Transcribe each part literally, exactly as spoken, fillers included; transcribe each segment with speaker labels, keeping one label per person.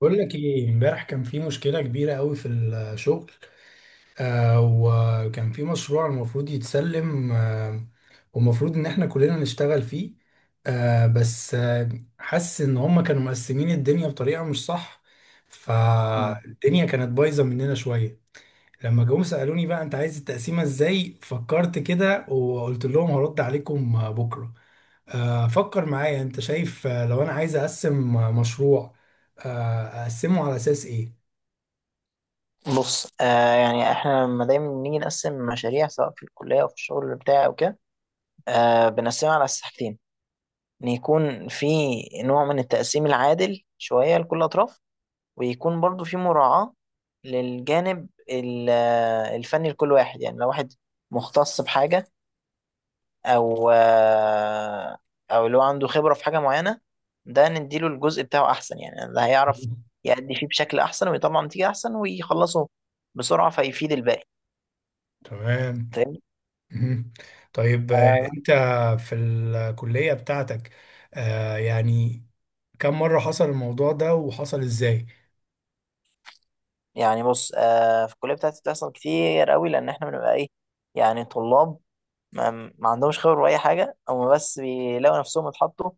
Speaker 1: بقول لك ايه، امبارح كان في مشكله كبيره قوي في الشغل. آه وكان في مشروع المفروض يتسلم آه والمفروض ان احنا كلنا نشتغل فيه. آه بس آه حاسس ان هم كانوا مقسمين الدنيا بطريقه مش صح،
Speaker 2: مم.
Speaker 1: فالدنيا كانت بايظه مننا شويه. لما جم سالوني بقى انت عايز التقسيمه ازاي، فكرت كده وقلت لهم هرد عليكم آه، بكره. آه فكر معايا، انت شايف آه، لو انا عايز اقسم آه، مشروع، آه، اقسمه على اساس ايه؟
Speaker 2: بص آه يعني احنا لما دايما بنيجي نقسم مشاريع سواء في الكلية او في الشغل بتاعي او كده، آه بنقسمها على أساس حاجتين. ان يكون في نوع من التقسيم العادل شوية لكل الاطراف، ويكون برضو في مراعاة للجانب ال- آه، الفني لكل واحد. يعني لو واحد مختص بحاجة او آه او لو عنده خبرة في حاجة معينة، ده نديله الجزء بتاعه احسن. يعني ده هيعرف يأدي فيه بشكل احسن ويطلع نتيجة احسن ويخلصه بسرعة فيفيد الباقي.
Speaker 1: تمام.
Speaker 2: فاهم؟
Speaker 1: مهم. طيب، آه،
Speaker 2: آه
Speaker 1: انت في الكلية بتاعتك، آه، يعني كم مرة حصل الموضوع ده وحصل ازاي؟
Speaker 2: يعني بص، آه في الكليه بتاعتي بتحصل كتير قوي لان احنا بنبقى ايه، يعني طلاب ما, ما عندهمش خبره باي حاجه. هم بس بيلاقوا نفسهم اتحطوا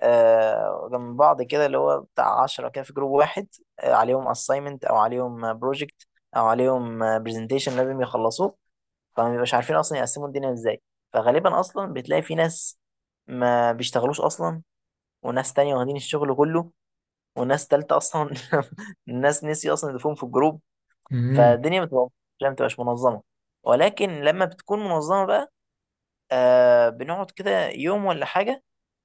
Speaker 2: آه جنب بعض كده، اللي هو بتاع عشرة كده في جروب واحد، آه عليهم اساينمنت او عليهم بروجكت او عليهم برزنتيشن لازم يخلصوه. فما بيبقاش عارفين اصلا يقسموا الدنيا ازاي. فغالبا اصلا بتلاقي في ناس ما بيشتغلوش اصلا، وناس تانية واخدين الشغل كله، وناس تالتة اصلا الناس نسي اصلا يضيفوهم في الجروب. فالدنيا بتبقى ما بتبقاش منظمه. ولكن لما بتكون منظمه بقى، آه بنقعد كده يوم ولا حاجه،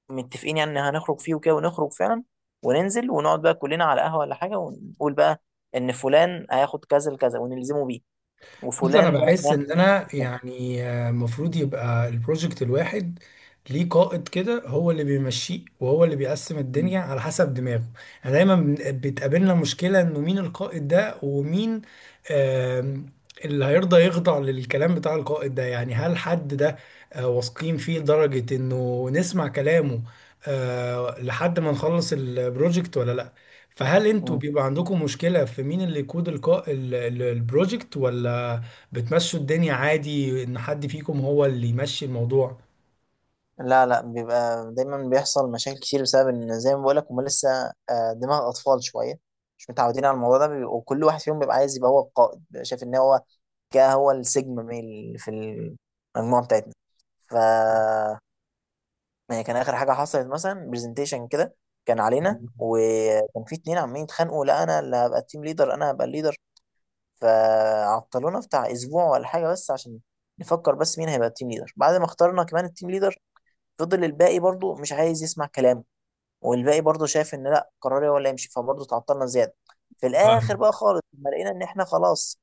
Speaker 2: متفقين يعني إن هنخرج فيه وكده، ونخرج فعلا وننزل ونقعد بقى كلنا على قهوه ولا حاجه، ونقول بقى ان فلان هياخد كذا لكذا ونلزمه بيه،
Speaker 1: بص، انا
Speaker 2: وفلان ده
Speaker 1: بحس
Speaker 2: هياخد
Speaker 1: ان انا يعني آه، المفروض يبقى البروجكت الواحد ليه قائد كده، هو اللي بيمشيه وهو اللي بيقسم الدنيا على حسب دماغه. انا دايما بن- بتقابلنا مشكلة انه مين القائد ده، ومين آم، اللي هيرضى يخضع للكلام بتاع القائد ده. يعني هل حد ده آه، واثقين فيه لدرجة انه نسمع كلامه آه، لحد ما نخلص البروجكت، ولا لا؟ فهل انتوا
Speaker 2: كذا.
Speaker 1: بيبقى عندكم مشكلة في مين اللي يقود القا- ال- ال- البروجكت، ولا بتمشوا الدنيا عادي ان حد فيكم هو اللي يمشي الموضوع؟
Speaker 2: لا لا، بيبقى دايما بيحصل مشاكل كتير بسبب ان زي ما بقولك هما لسه آه، دماغ اطفال شويه، مش متعودين على الموضوع ده. بيبقوا- وكل واحد فيهم بيبقى عايز يبقى هو القائد، بيبقى شايف ان هو كده هو السيجما ميل في المجموعه بتاعتنا. ف يعني كان اخر حاجه حصلت مثلا برزنتيشن كده كان علينا، وكان في اتنين عمالين يتخانقوا، لا انا اللي هبقى التيم ليدر، انا هبقى الليدر. فعطلونا بتاع اسبوع ولا حاجه بس عشان نفكر بس مين هيبقى التيم ليدر. بعد ما اخترنا كمان التيم ليدر، فضل الباقي برضو مش عايز يسمع كلامه، والباقي برضو شايف ان لا قراري هو اللي يمشي، فبرضو تعطلنا زياده. في الاخر
Speaker 1: فاهم.
Speaker 2: بقى خالص لما لقينا ان احنا خلاص،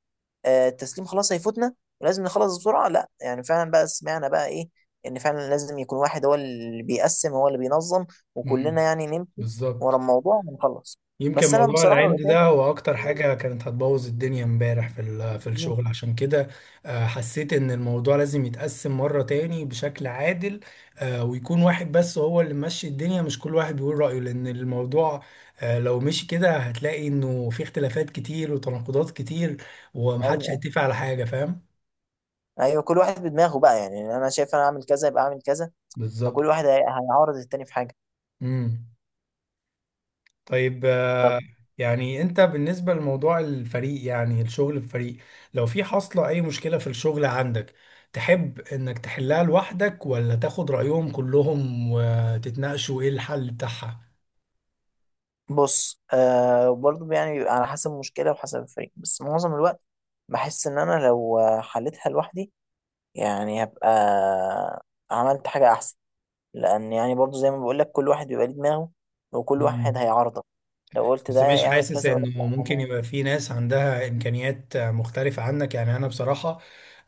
Speaker 2: آه، التسليم خلاص هيفوتنا ولازم نخلص بسرعه. لا يعني فعلا بقى سمعنا بقى ايه، ان فعلا لازم يكون واحد هو اللي بيقسم هو اللي بينظم، وكلنا
Speaker 1: مم.
Speaker 2: يعني نمشي ورا
Speaker 1: بالظبط.
Speaker 2: الموضوع ونخلص.
Speaker 1: يمكن
Speaker 2: بس انا
Speaker 1: موضوع
Speaker 2: بصراحه ببقى
Speaker 1: العند ده
Speaker 2: شايف،
Speaker 1: هو اكتر حاجة كانت هتبوظ الدنيا امبارح في ال- في
Speaker 2: مم،
Speaker 1: الشغل. عشان كده آه، حسيت ان الموضوع لازم يتقسم مرة تاني بشكل عادل، آه، ويكون واحد بس هو اللي ماشي الدنيا، مش كل واحد بيقول رأيه. لان الموضوع آه، لو مشي كده هتلاقي انه في اختلافات كتير وتناقضات كتير،
Speaker 2: ايوه
Speaker 1: ومحدش
Speaker 2: ايوه
Speaker 1: هيتفق على حاجة. فاهم.
Speaker 2: أيوه، كل واحد بدماغه بقى. يعني انا شايف انا اعمل كذا يبقى اعمل كذا. فكل
Speaker 1: بالظبط.
Speaker 2: واحد هي- هيعارض التاني في حاجه.
Speaker 1: امم. طيب، يعني انت بالنسبة لموضوع الفريق، يعني الشغل في فريق، لو في حاصلة اي مشكلة في الشغل عندك، تحب انك تحلها لوحدك، ولا تاخد رأيهم كلهم وتتناقشوا ايه الحل بتاعها؟
Speaker 2: بص آه برضه يعني بيبقى على حسب المشكلة وحسب الفريق، بس معظم الوقت بحس إن أنا لو آه، حلتها لوحدي يعني هبقى عملت حاجة أحسن، لأن يعني برضه زي ما بقولك كل واحد بيبقى ليه دماغه وكل واحد هيعارضك. لو قلت
Speaker 1: بس
Speaker 2: ده
Speaker 1: مش
Speaker 2: يعمل
Speaker 1: حاسس
Speaker 2: كذا يقولك
Speaker 1: انه
Speaker 2: لأ
Speaker 1: ممكن
Speaker 2: والله.
Speaker 1: يبقى في ناس عندها امكانيات مختلفة عنك؟ يعني انا بصراحة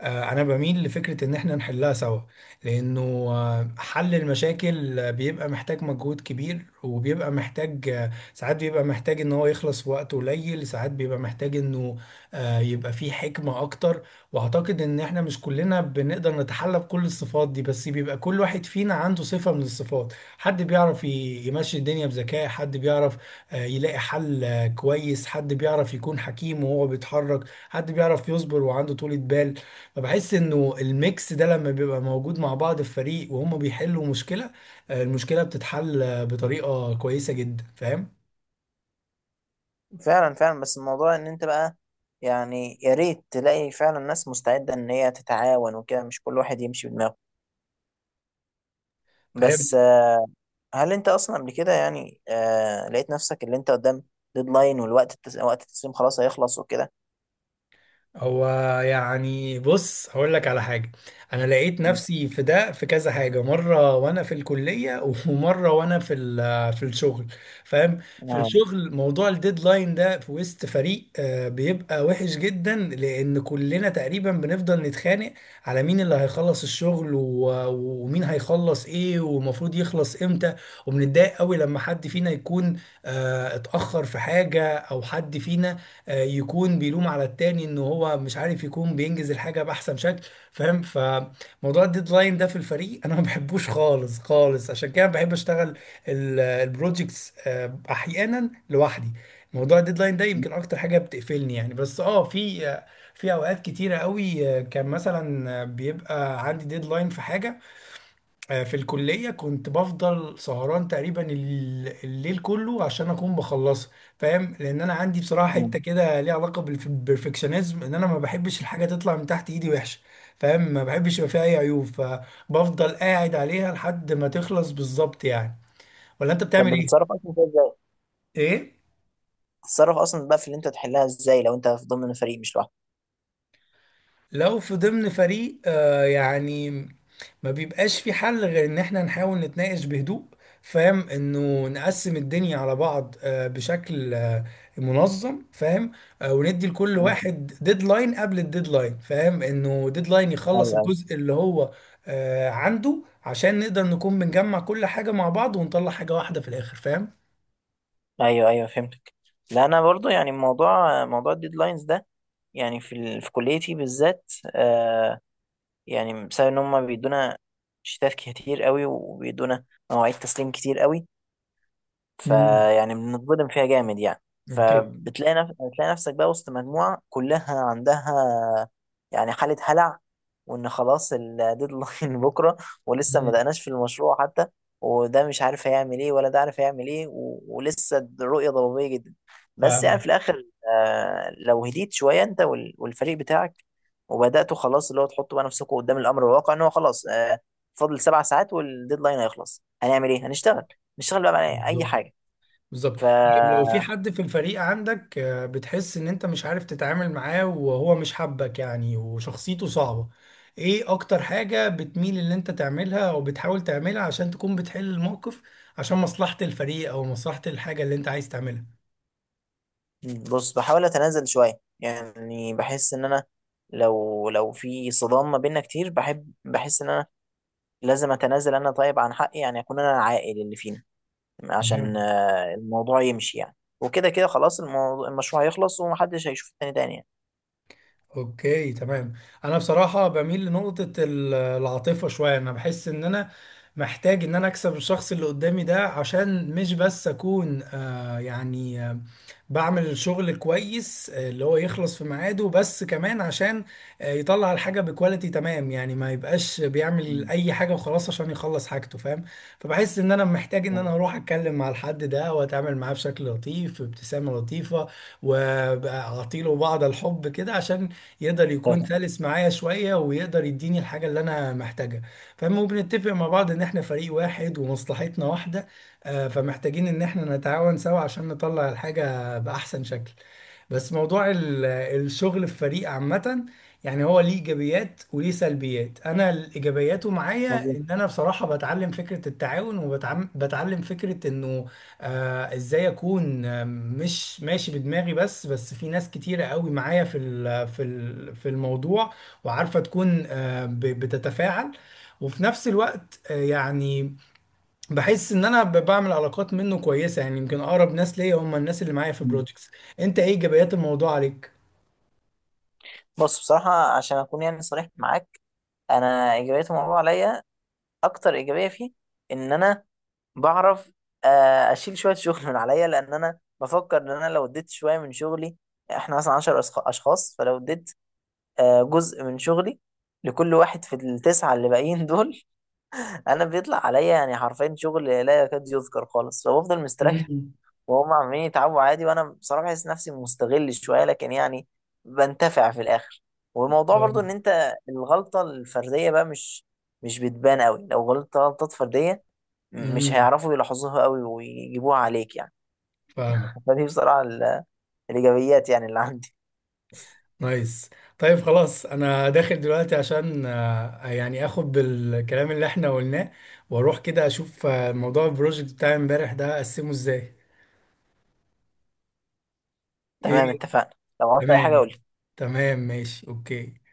Speaker 1: آه، انا بميل لفكرة ان احنا نحلها سوا، لانه آه، حل المشاكل بيبقى محتاج مجهود كبير، وبيبقى محتاج آه، ساعات بيبقى محتاج ان هو يخلص في وقت قليل، ساعات بيبقى محتاج انه آه، يبقى فيه حكمة اكتر. واعتقد ان احنا مش كلنا بنقدر نتحلى بكل الصفات دي، بس بيبقى كل واحد فينا عنده صفة من الصفات. حد بيعرف ي- يمشي الدنيا بذكاء، حد بيعرف آه، يلاقي حل آه، كويس، حد بيعرف يكون حكيم وهو بيتحرك، حد بيعرف يصبر وعنده طولة بال. فبحس انه الميكس ده لما بيبقى موجود مع بعض في فريق وهم بيحلوا مشكلة، آه، المشكلة بتتحل آه، بطريقة كويسة جدا. فاهم.
Speaker 2: فعلا فعلا، بس الموضوع إن أنت بقى يعني يا ريت تلاقي فعلا ناس مستعدة إن هي تتعاون وكده، مش كل واحد يمشي بدماغه.
Speaker 1: فهي
Speaker 2: بس هل انت اصلا قبل كده يعني آه لقيت نفسك اللي انت قدام ديدلاين، والوقت التس... وقت التسليم خلاص هيخلص وكده؟
Speaker 1: هو يعني بص، هقول لك على حاجة. أنا لقيت
Speaker 2: مم.
Speaker 1: نفسي في ده في كذا حاجة مرة وأنا في الكلية ومرة وأنا في ال- في الشغل. فاهم. في
Speaker 2: آه.
Speaker 1: الشغل موضوع الديدلاين ده في وسط فريق آه، بيبقى وحش جدا، لأن كلنا تقريبا بنفضل نتخانق على مين اللي هيخلص الشغل و- ومين هيخلص إيه ومفروض يخلص إمتى. وبنتضايق قوي لما حد فينا يكون آه، اتأخر في حاجة، أو حد فينا آه، يكون بيلوم على التاني ان هو مش عارف يكون بينجز الحاجه باحسن شكل. فاهم. فموضوع الديدلاين ده في الفريق انا ما بحبوش خالص خالص، عشان كده بحب اشتغل البروجكتس احيانا لوحدي. موضوع الديدلاين ده يمكن اكتر حاجه بتقفلني يعني. بس اه في آه، في اوقات كتيره قوي آه، كان مثلا آه، بيبقى عندي ديدلاين في حاجه، آه، في الكلية كنت بفضل سهران تقريبا ال- الليل كله عشان أكون بخلصها. فاهم، لأن أنا عندي بصراحة حتة
Speaker 2: مم.
Speaker 1: كده ليها علاقة بالف- بالبرفكشنزم، إن أنا ما بحبش الحاجة تطلع من تحت إيدي وحشة. فاهم. ما بحبش يبقى فيها أي عيوب، فبفضل قاعد عليها لحد ما تخلص بالظبط يعني. ولا أنت
Speaker 2: طب
Speaker 1: بتعمل إيه؟
Speaker 2: بتتصرف اصلا فيها ازاي؟
Speaker 1: إيه؟
Speaker 2: بتتصرف اصلا بقى في اللي انت تحلها ازاي لو انت في ضمن فريق مش لوحدك؟
Speaker 1: لو في ضمن فريق آه يعني، ما بيبقاش في حل غير ان احنا نحاول نتناقش بهدوء. فاهم، انه نقسم الدنيا على بعض آه بشكل آه منظم. فاهم. آه وندي لكل
Speaker 2: مم.
Speaker 1: واحد ديدلاين قبل الديدلاين. فاهم، انه ديدلاين
Speaker 2: ايوه
Speaker 1: يخلص
Speaker 2: ايوه.
Speaker 1: الجزء اللي هو آه عنده، عشان نقدر نكون بنجمع كل حاجة مع بعض ونطلع حاجة واحدة في الاخر. فاهم.
Speaker 2: ايوه ايوه، فهمتك. لا انا برضو يعني موضوع موضوع الديدلاينز ده، يعني في ال... في كليتي بالذات، آه يعني بسبب ان هم بيدونا شتات كتير قوي وبيدونا مواعيد تسليم كتير قوي،
Speaker 1: مم.
Speaker 2: فيعني بنتظلم فيها جامد يعني.
Speaker 1: اوكي.
Speaker 2: فبتلاقي نف... بتلاقي نفسك بقى وسط مجموعة كلها عندها يعني حالة هلع، وإن خلاص الديدلاين بكرة، ولسه ما
Speaker 1: مم.
Speaker 2: بدأناش في المشروع حتى، وده مش عارف هيعمل إيه ولا ده عارف هيعمل إيه و... ولسه الرؤية ضبابية جدا. بس يعني
Speaker 1: فاهمك.
Speaker 2: في الآخر آه لو هديت شوية أنت وال... والفريق بتاعك، وبدأتوا خلاص اللي هو تحطوا بقى نفسكم قدام الأمر الواقع إن هو خلاص آه فاضل سبع ساعات والديدلاين هيخلص. هنعمل إيه؟ هنشتغل، نشتغل بقى على أي
Speaker 1: بالظبط.
Speaker 2: حاجة.
Speaker 1: بالظبط.
Speaker 2: ف
Speaker 1: طيب لو في حد في الفريق عندك، آه، بتحس ان انت مش عارف تتعامل معاه وهو مش حابك يعني، وشخصيته صعبة، ايه اكتر حاجة بتميل ان انت تعملها او بتحاول تعملها عشان تكون بتحل الموقف، عشان مصلحة الفريق او مصلحة الحاجة اللي انت عايز تعملها؟
Speaker 2: بص بحاول اتنازل شويه. يعني بحس ان انا لو لو في صدام ما بيننا كتير، بحب بحس ان انا لازم اتنازل انا، طيب، عن حقي. يعني اكون انا العاقل اللي فينا عشان آه، الموضوع يمشي يعني، وكده كده خلاص الموضوع المشروع هيخلص ومحدش هيشوف التاني تاني يعني.
Speaker 1: اوكي، تمام. انا بصراحه بميل لنقطه ال- العاطفه شويه. انا بحس ان انا محتاج ان انا اكسب الشخص اللي قدامي ده، عشان مش بس اكون آه يعني آه بعمل الشغل كويس، آه، اللي هو يخلص في ميعاده، بس كمان عشان آه يطلع الحاجه بكواليتي تمام يعني، ما يبقاش بيعمل
Speaker 2: مم.
Speaker 1: اي حاجه وخلاص عشان يخلص حاجته. فاهم. فبحس ان انا محتاج ان انا اروح اتكلم مع الحد ده، واتعامل معاه بشكل لطيف بابتسامه لطيفه، واعطيله بعض الحب كده عشان يقدر يكون
Speaker 2: فاهم.
Speaker 1: سلس معايا شوية، ويقدر يديني الحاجة اللي أنا محتاجها. فاهم. وبنتفق مع بعض إن إحنا فريق واحد ومصلحتنا واحدة، آه، فمحتاجين إن إحنا نتعاون سوا عشان نطلع الحاجة بأحسن شكل. بس موضوع ال- الشغل في فريق عامة، يعني هو ليه إيجابيات وليه سلبيات. أنا الإيجابياته معايا
Speaker 2: مظبوط.
Speaker 1: إن أنا بصراحة بتعلم فكرة التعاون، وبتعلم فكرة إنه آه ازاي اكون آه، مش ماشي بدماغي بس، بس في ناس كتيرة قوي معايا في ال- في ال- في الموضوع، وعارفة تكون آه ب- بتتفاعل. وفي نفس الوقت آه يعني بحس ان انا ب- بعمل علاقات منه كويسة، يعني يمكن اقرب ناس ليا هم الناس اللي معايا في
Speaker 2: مم.
Speaker 1: بروجكتس. انت ايه ايجابيات الموضوع عليك؟
Speaker 2: بص بصراحه، عشان اكون يعني صريح معاك، انا اجابتهم الموضوع عليا اكتر ايجابيه فيه ان انا بعرف آه، اشيل شويه شغل من عليا. لان انا بفكر ان انا لو اديت شويه من شغلي، احنا مثلا عشرة أشخ- اشخاص، فلو اديت آه، جزء من شغلي لكل واحد في التسعه اللي باقيين دول، انا بيطلع عليا يعني حرفيا شغل لا يكاد يذكر خالص فبفضل مستريح،
Speaker 1: مم.
Speaker 2: وهم عمالين يتعبوا عادي. وانا بصراحه بحس نفسي مستغل شويه لكن يعني بنتفع في الاخر. والموضوع برضو ان
Speaker 1: نعم.
Speaker 2: انت الغلطه الفرديه بقى مش مش بتبان قوي لو غلطت غلطات فرديه. م- مش
Speaker 1: امم.
Speaker 2: هيعرفوا يلاحظوها قوي ويجيبوها عليك يعني.
Speaker 1: فاهمك.
Speaker 2: فدي بصراحه ال- الايجابيات يعني اللي عندي.
Speaker 1: نايس. طيب خلاص انا داخل دلوقتي عشان آه، يعني اخد بالكلام اللي احنا قلناه، واروح كده اشوف آه، موضوع البروجكت بتاع امبارح ده اقسمه ازاي.
Speaker 2: تمام
Speaker 1: ايه
Speaker 2: اتفقنا. لو عملت اي حاجه
Speaker 1: تمام.
Speaker 2: قول
Speaker 1: تمام ماشي اوكي.